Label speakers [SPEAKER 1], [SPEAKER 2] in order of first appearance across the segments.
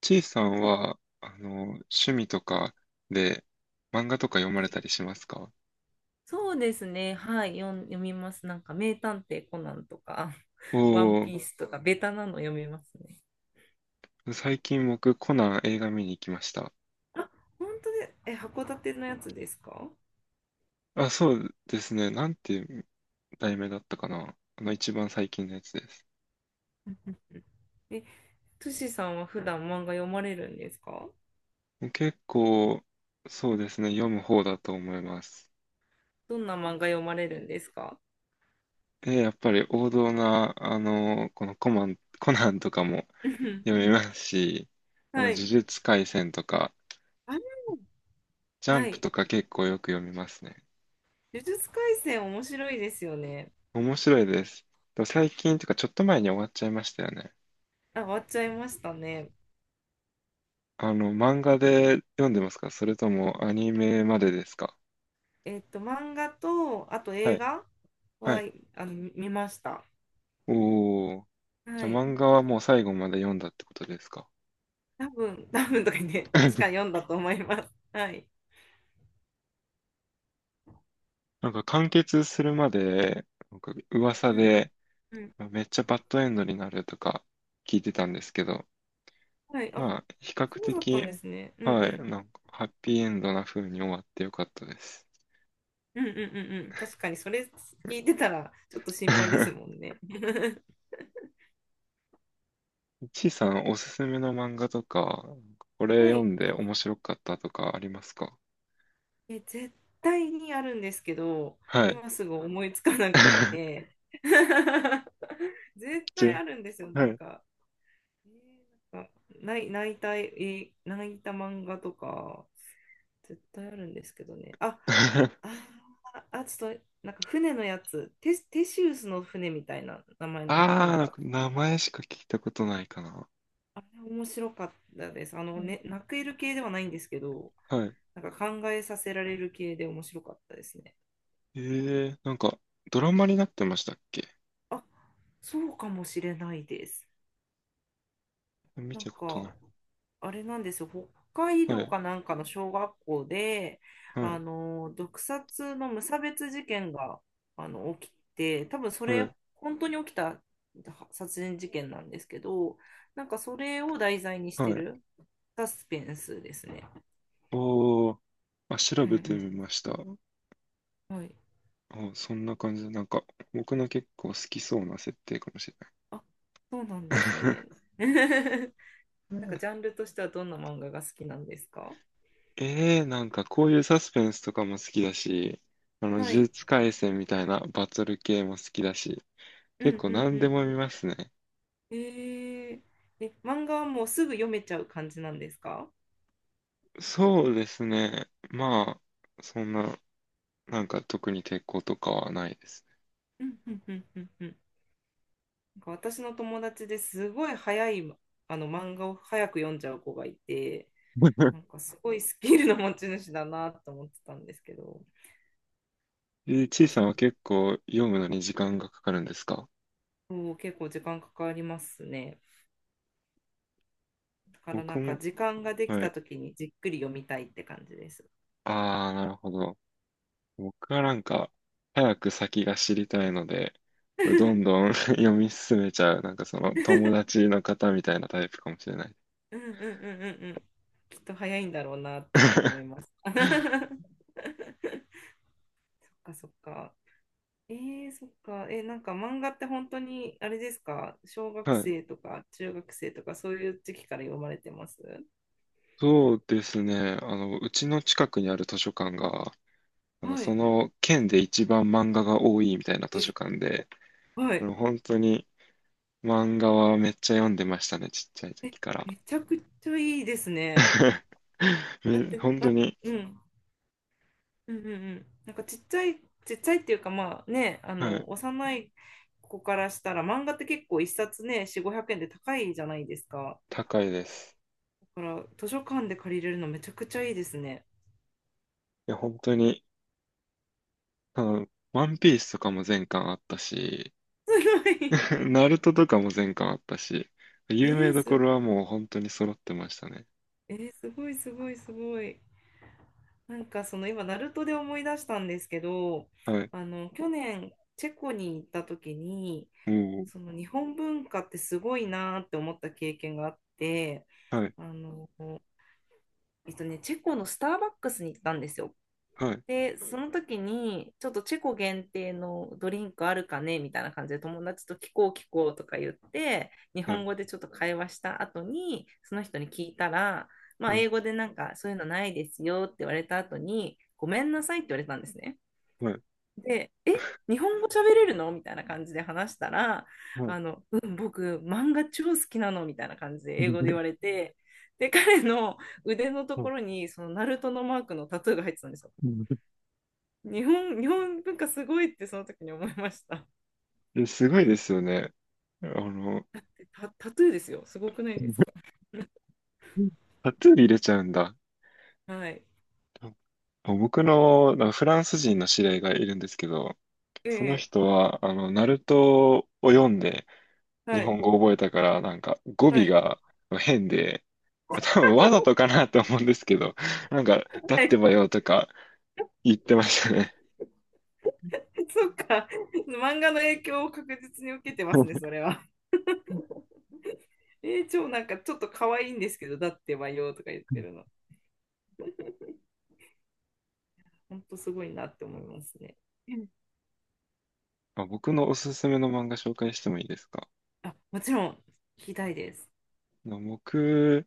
[SPEAKER 1] ちいさんは、趣味とかで漫画とか読まれたりしますか？
[SPEAKER 2] そうですね。はい。読みます。なんか、名探偵コナンとか、
[SPEAKER 1] お
[SPEAKER 2] ワン
[SPEAKER 1] お
[SPEAKER 2] ピースとか、ベタなの読みますね。
[SPEAKER 1] ー、最近僕コナン映画見に行きました。
[SPEAKER 2] あ、本当で、函館のやつですか？
[SPEAKER 1] あ、そうですね。なんていう題名だったかな。一番最近のやつです。
[SPEAKER 2] え、トシさんは普段漫画読まれるんですか？
[SPEAKER 1] 結構、そうですね。読む方だと思います。
[SPEAKER 2] どんな漫画読まれるんですか？
[SPEAKER 1] で、やっぱり王道な、このコナンとかも
[SPEAKER 2] うん。
[SPEAKER 1] 読みますし、
[SPEAKER 2] は
[SPEAKER 1] 呪
[SPEAKER 2] い。
[SPEAKER 1] 術廻戦とか、ジャ
[SPEAKER 2] は
[SPEAKER 1] ンプ
[SPEAKER 2] い。
[SPEAKER 1] とか結構よく読みますね。
[SPEAKER 2] 呪術廻戦面白いですよね。
[SPEAKER 1] 面白いです。でも最近というかちょっと前に終わっちゃいましたよね。
[SPEAKER 2] あ、終わっちゃいましたね。
[SPEAKER 1] 漫画で読んでますか、それともアニメまでですか？
[SPEAKER 2] えっと、漫画と、あと
[SPEAKER 1] は
[SPEAKER 2] 映
[SPEAKER 1] い。
[SPEAKER 2] 画
[SPEAKER 1] は
[SPEAKER 2] は、
[SPEAKER 1] い。
[SPEAKER 2] 見ました。
[SPEAKER 1] おー。じ
[SPEAKER 2] は
[SPEAKER 1] ゃあ
[SPEAKER 2] い。
[SPEAKER 1] 漫画はもう最後まで読んだってことですか？
[SPEAKER 2] 多分、多分とか言って、確かに読んだと思います。はい。
[SPEAKER 1] なんか完結するまで、なんか噂
[SPEAKER 2] うん
[SPEAKER 1] で
[SPEAKER 2] うんうん。
[SPEAKER 1] めっちゃバッドエンドになるとか聞いてたんですけど、
[SPEAKER 2] はい。あ、
[SPEAKER 1] まあ、比較
[SPEAKER 2] そうだったん
[SPEAKER 1] 的、
[SPEAKER 2] ですね。うん
[SPEAKER 1] は
[SPEAKER 2] う
[SPEAKER 1] い、
[SPEAKER 2] ん。
[SPEAKER 1] なんかハッピーエンドな風に終わってよかったです。
[SPEAKER 2] うんうんうんうん。確かに、それ聞いてたら、ちょっと心配です もんね。
[SPEAKER 1] ちいさん、おすすめの漫画とか、これ
[SPEAKER 2] は
[SPEAKER 1] 読
[SPEAKER 2] い。
[SPEAKER 1] んで面白かったとかありますか？
[SPEAKER 2] 絶対にあるんですけど、
[SPEAKER 1] はい。
[SPEAKER 2] 今すぐ思いつかなくっ て。絶対
[SPEAKER 1] ち、
[SPEAKER 2] あるんですよ、な
[SPEAKER 1] は
[SPEAKER 2] ん
[SPEAKER 1] い。
[SPEAKER 2] か。あ泣いた、泣いた漫画とか、絶対あるんですけどね。あ、ちょっと、なんか船のやつ、テシウスの船みたいな名前
[SPEAKER 1] あ
[SPEAKER 2] の
[SPEAKER 1] ー、
[SPEAKER 2] 本
[SPEAKER 1] なん
[SPEAKER 2] が、
[SPEAKER 1] か名前しか聞いたことないかな。
[SPEAKER 2] あれ面白かったです。あのね、泣ける系ではないんですけど、
[SPEAKER 1] はい。
[SPEAKER 2] なんか考えさせられる系で面白かったですね。
[SPEAKER 1] えなんか、ドラマになってましたっけ？
[SPEAKER 2] あ、そうかもしれないです。
[SPEAKER 1] 見
[SPEAKER 2] なん
[SPEAKER 1] たことない。
[SPEAKER 2] か、あれなんですよ、北海
[SPEAKER 1] は
[SPEAKER 2] 道
[SPEAKER 1] い、
[SPEAKER 2] かなんかの小学校で、
[SPEAKER 1] はい、
[SPEAKER 2] 毒殺の無差別事件が、起きて、多分そ
[SPEAKER 1] はい、
[SPEAKER 2] れ、本当に起きた殺人事件なんですけど、なんかそれを題材にして
[SPEAKER 1] はい。
[SPEAKER 2] るサスペンスですね。
[SPEAKER 1] おー、あ、調
[SPEAKER 2] う
[SPEAKER 1] べてみ
[SPEAKER 2] ん
[SPEAKER 1] ました。
[SPEAKER 2] うん。はい。
[SPEAKER 1] あ、そんな感じで、なんか、僕の結構好きそうな設定かもしれない。
[SPEAKER 2] あ、そうなんですね。なんかジャ ンルとしてはどんな漫画が好きなんですか？
[SPEAKER 1] ええ、なんかこういうサスペンスとかも好きだし、呪
[SPEAKER 2] はい。
[SPEAKER 1] 術廻戦みたいなバトル系も好きだし、
[SPEAKER 2] うんう
[SPEAKER 1] 結構
[SPEAKER 2] んう
[SPEAKER 1] 何でも
[SPEAKER 2] ん。
[SPEAKER 1] 見ますね。
[SPEAKER 2] えー、漫画はもうすぐ読めちゃう感じなんですか？
[SPEAKER 1] そうですね。まあ、そんな、なんか特に抵抗とかはないですね。
[SPEAKER 2] うんうんうんうんうん。なんか私の友達ですごい早いあの漫画を早く読んじゃう子がいて、なん かすごいスキルの持ち主だなと思ってたんですけど、そっ
[SPEAKER 1] え、ちい
[SPEAKER 2] か、そ
[SPEAKER 1] さ
[SPEAKER 2] っ
[SPEAKER 1] んは
[SPEAKER 2] か。
[SPEAKER 1] 結構読むのに時間がかかるんですか？
[SPEAKER 2] そう、結構時間かかりますね。だからな
[SPEAKER 1] 僕
[SPEAKER 2] んか
[SPEAKER 1] も、
[SPEAKER 2] 時間ができ
[SPEAKER 1] は
[SPEAKER 2] た
[SPEAKER 1] い。
[SPEAKER 2] 時にじっくり読みたいって感じです。
[SPEAKER 1] ああ、なるほど。僕はなんか、早く先が知りたいので、どん どん 読み進めちゃう、なんかその友達の方みたいなタイプかもしれない。
[SPEAKER 2] うんうんうんうんうん。きっと早いんだろうなって今思い ます。そっか、そっか。ええ、そっか。え、なんか漫画って本当に、あれですか、小学
[SPEAKER 1] はい。
[SPEAKER 2] 生とか中学生とかそういう時期から読まれてます？
[SPEAKER 1] そうですね。うちの近くにある図書館が、なんか
[SPEAKER 2] は
[SPEAKER 1] そ
[SPEAKER 2] い。
[SPEAKER 1] の県で一番漫画が多いみたいな図書館で、
[SPEAKER 2] はい。
[SPEAKER 1] 本当に漫画はめっちゃ読んでましたね、ちっちゃい
[SPEAKER 2] え、
[SPEAKER 1] 時から。
[SPEAKER 2] めちゃくちゃいいですね。だって、
[SPEAKER 1] 本当に、
[SPEAKER 2] うん。うんうんうん。なんかちっちゃい、ちっちゃいっていうか、まあね、あ
[SPEAKER 1] はい、
[SPEAKER 2] の、幼い子からしたら漫画って結構一冊ね、4、500円で高いじゃないですか。
[SPEAKER 1] 高いです。
[SPEAKER 2] だから図書館で借りれるのめちゃくちゃいいですね。
[SPEAKER 1] いや、本当に、あの、ワンピースとかも全巻あったし、
[SPEAKER 2] すごい。
[SPEAKER 1] ナルトとかも全巻あったし、
[SPEAKER 2] え
[SPEAKER 1] 有名
[SPEAKER 2] ー、
[SPEAKER 1] ど
[SPEAKER 2] す
[SPEAKER 1] ころ
[SPEAKER 2] ごい。
[SPEAKER 1] はもう本当に揃ってましたね。
[SPEAKER 2] えー、すごい、すごい、すごい。なんかその今、ナルトで思い出したんですけど、
[SPEAKER 1] はい。
[SPEAKER 2] あの去年、チェコに行った時に、
[SPEAKER 1] も
[SPEAKER 2] その日本文化ってすごいなーって思った経験があって、
[SPEAKER 1] う、はい、
[SPEAKER 2] あの、えっとね、チェコのスターバックスに行ったんですよ。
[SPEAKER 1] はい、
[SPEAKER 2] で、その時に、ちょっとチェコ限定のドリンクあるかねみたいな感じで友達と聞こう聞こうとか言って、日
[SPEAKER 1] は
[SPEAKER 2] 本
[SPEAKER 1] い。
[SPEAKER 2] 語でちょっと会話した後に、その人に聞いたら、ま
[SPEAKER 1] は
[SPEAKER 2] あ、
[SPEAKER 1] い
[SPEAKER 2] 英語でなんか、そういうのないですよって言われた後に、ごめんなさいって言われたんですね。
[SPEAKER 1] はい。
[SPEAKER 2] で、え、日本語喋れるのみたいな感じで話したら、
[SPEAKER 1] はい。
[SPEAKER 2] あの、うん、僕、漫画超好きなのみたいな感じで英語で言われ て、で、彼の腕のと
[SPEAKER 1] は
[SPEAKER 2] こ
[SPEAKER 1] い
[SPEAKER 2] ろに、その、ナルトのマークのタトゥーが入ってたんですよ。日本、日本文化すごいってその時に思いました。
[SPEAKER 1] え、すごいですよね。あの、
[SPEAKER 2] タトゥーですよ。すごくないですか？
[SPEAKER 1] タトゥー入れちゃうんだ。
[SPEAKER 2] はい。
[SPEAKER 1] 僕のなんかフランス人の知り合いがいるんですけど、その
[SPEAKER 2] ええ。
[SPEAKER 1] 人は、ナルトを読んで日
[SPEAKER 2] はい。
[SPEAKER 1] 本語を覚えたから、なんか語尾
[SPEAKER 2] はい。
[SPEAKER 1] が変で、多分わざとかなと思うんですけど、なんか、だっ
[SPEAKER 2] は
[SPEAKER 1] て
[SPEAKER 2] い。
[SPEAKER 1] ばよとか言ってましたね。
[SPEAKER 2] そっか。漫画の影響を確実に受けてますね、それ は。えー、超なんかちょっと可愛いんですけど、だってばよとか言ってるの。ほんとすごいなって思いますね。うん。
[SPEAKER 1] あ、僕のおすすめの漫画紹介してもいいですか？
[SPEAKER 2] あ、もちろん、聞きたいです。
[SPEAKER 1] 僕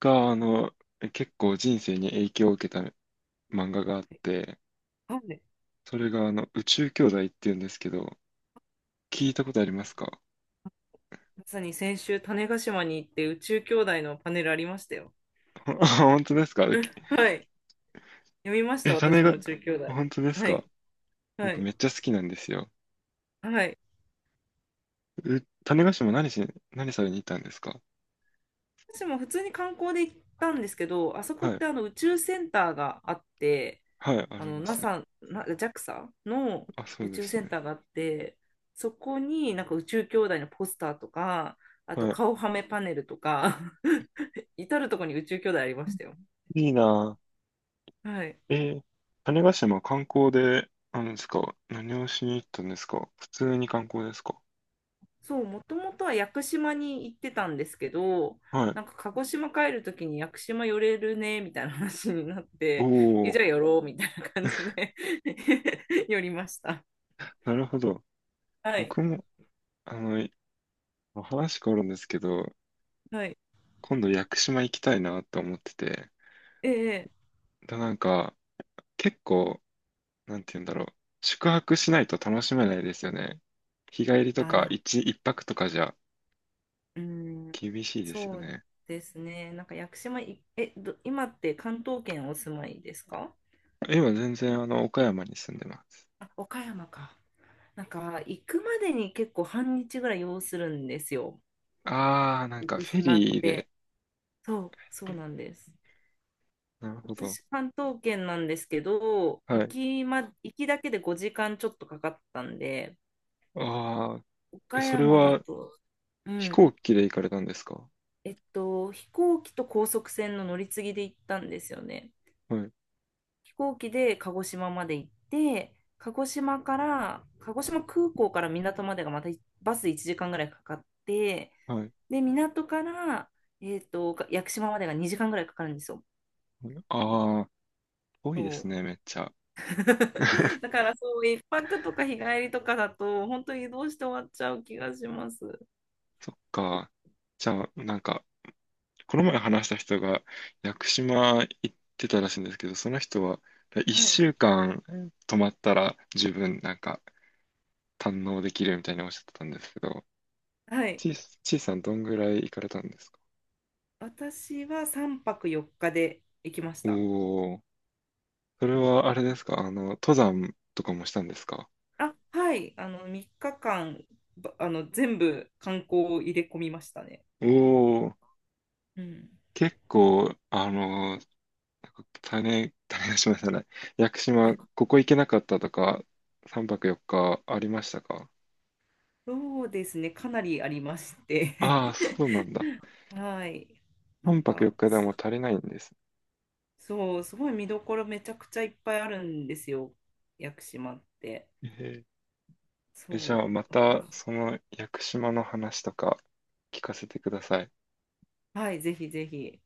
[SPEAKER 1] が、結構人生に影響を受けた漫画があって、
[SPEAKER 2] はい。
[SPEAKER 1] それが、宇宙兄弟っていうんですけど、
[SPEAKER 2] はい。
[SPEAKER 1] 聞いたことありますか？
[SPEAKER 2] まさに先週、種子島に行って宇宙兄弟のパネルありましたよ。
[SPEAKER 1] あ、 本当ですか？
[SPEAKER 2] はい。読みまし
[SPEAKER 1] え、
[SPEAKER 2] た、私も宇宙兄弟。
[SPEAKER 1] 本当です
[SPEAKER 2] は
[SPEAKER 1] か？
[SPEAKER 2] い。は
[SPEAKER 1] 僕
[SPEAKER 2] い。
[SPEAKER 1] めっちゃ好きなんですよ。
[SPEAKER 2] はい。
[SPEAKER 1] 種子島何されに行ったんですか？
[SPEAKER 2] 私も普通に観光で行ったんですけど、あそこ
[SPEAKER 1] は
[SPEAKER 2] っ
[SPEAKER 1] い。
[SPEAKER 2] てあの宇宙センターがあって、
[SPEAKER 1] はい、あ
[SPEAKER 2] あ
[SPEAKER 1] り
[SPEAKER 2] の
[SPEAKER 1] ますね。
[SPEAKER 2] NASA、なジャクサの
[SPEAKER 1] あ、そう
[SPEAKER 2] 宇
[SPEAKER 1] で
[SPEAKER 2] 宙
[SPEAKER 1] す
[SPEAKER 2] セン
[SPEAKER 1] ね。
[SPEAKER 2] ターがあって、そこになんか宇宙兄弟のポスターとか、あと
[SPEAKER 1] はい。
[SPEAKER 2] 顔はめパネルとか 至るとこに宇宙兄弟ありましたよ。
[SPEAKER 1] いいな
[SPEAKER 2] はい。
[SPEAKER 1] ぁ。種子島観光で、ですか？何をしに行ったんですか？普通に観光ですか？
[SPEAKER 2] そう、もともとは屋久島に行ってたんですけど、
[SPEAKER 1] はい。
[SPEAKER 2] なんか鹿児島帰るときに屋久島寄れるねみたいな話になって、え、
[SPEAKER 1] おー、
[SPEAKER 2] じゃあ寄ろうみたいな感じで 寄りました。
[SPEAKER 1] なるほど。
[SPEAKER 2] はい。
[SPEAKER 1] 僕も、あの、話変わるんですけど、
[SPEAKER 2] はい。
[SPEAKER 1] 今度屋久島行きたいなって思ってて、
[SPEAKER 2] ええ。
[SPEAKER 1] だなんか、結構、なんて言うんだろう、宿泊しないと楽しめないですよね。日帰りとか
[SPEAKER 2] あ
[SPEAKER 1] 一泊とかじゃ
[SPEAKER 2] ー、うん、
[SPEAKER 1] 厳しいですよ
[SPEAKER 2] そう
[SPEAKER 1] ね。
[SPEAKER 2] ですね。なんか屋久島い、え、ど、今って関東圏お住まいですか？
[SPEAKER 1] 今全然岡山に住んでます。
[SPEAKER 2] あ、岡山か。なんか行くまでに結構半日ぐらい要するんですよ。
[SPEAKER 1] あー、なん
[SPEAKER 2] 屋
[SPEAKER 1] か
[SPEAKER 2] 久
[SPEAKER 1] フェ
[SPEAKER 2] 島っ
[SPEAKER 1] リー
[SPEAKER 2] て。
[SPEAKER 1] で、
[SPEAKER 2] そう、そうなんです。
[SPEAKER 1] なるほど。
[SPEAKER 2] 私、関東圏なんですけど、
[SPEAKER 1] はい。
[SPEAKER 2] 行きだけで5時間ちょっとかかったんで、
[SPEAKER 1] あー、え
[SPEAKER 2] 岡
[SPEAKER 1] それ
[SPEAKER 2] 山だ
[SPEAKER 1] は
[SPEAKER 2] と、う
[SPEAKER 1] 飛
[SPEAKER 2] ん、
[SPEAKER 1] 行機で行かれたんですか？
[SPEAKER 2] えっと、飛行機と高速船の乗り継ぎで行ったんですよね。
[SPEAKER 1] はい。
[SPEAKER 2] 飛行機で鹿児島まで行って、鹿児島から、鹿児島空港から港までがまたバス1時間ぐらいかかって、
[SPEAKER 1] はい。
[SPEAKER 2] で、港から、えっと、屋久島までが2時間ぐらいかかるんですよ。
[SPEAKER 1] あー、遠いで
[SPEAKER 2] そ
[SPEAKER 1] すね、
[SPEAKER 2] う。
[SPEAKER 1] めっちゃ。
[SPEAKER 2] だからそう、一泊とか日帰りとかだと本当に移動して終わっちゃう気がします。
[SPEAKER 1] そっか。じゃあ、なんか、この前話した人が屋久島行ってたらしいんですけど、その人は
[SPEAKER 2] は
[SPEAKER 1] 1
[SPEAKER 2] い。
[SPEAKER 1] 週間泊まったら十分なんか堪能できるみたいにおっしゃってたんですけど、
[SPEAKER 2] はい。
[SPEAKER 1] ちいさんどんぐらい行かれたんですか？
[SPEAKER 2] 私は3泊4日で行きました。
[SPEAKER 1] おお、それはあれですか？登山とかもしたんですか？
[SPEAKER 2] あ、はい。あの3日間ばあの全部観光を入れ込みましたね。
[SPEAKER 1] おおー、
[SPEAKER 2] うん。
[SPEAKER 1] 結構、なんか種出しましたね。屋久島、こ こ行けなかったとか、3泊4日ありましたか？
[SPEAKER 2] そうですね。かなりありまして。
[SPEAKER 1] ああ、そうなんだ。
[SPEAKER 2] はい。なん
[SPEAKER 1] 半泊
[SPEAKER 2] か
[SPEAKER 1] 4日で
[SPEAKER 2] す、
[SPEAKER 1] も足りないんです。
[SPEAKER 2] そう、すごい見どころめちゃくちゃいっぱいあるんですよ。屋久島って。
[SPEAKER 1] えーえ、じゃあ
[SPEAKER 2] そ
[SPEAKER 1] ま
[SPEAKER 2] う。だか
[SPEAKER 1] た
[SPEAKER 2] ら、
[SPEAKER 1] その屋久島の話とか聞かせてください。
[SPEAKER 2] はい、ぜひぜひ。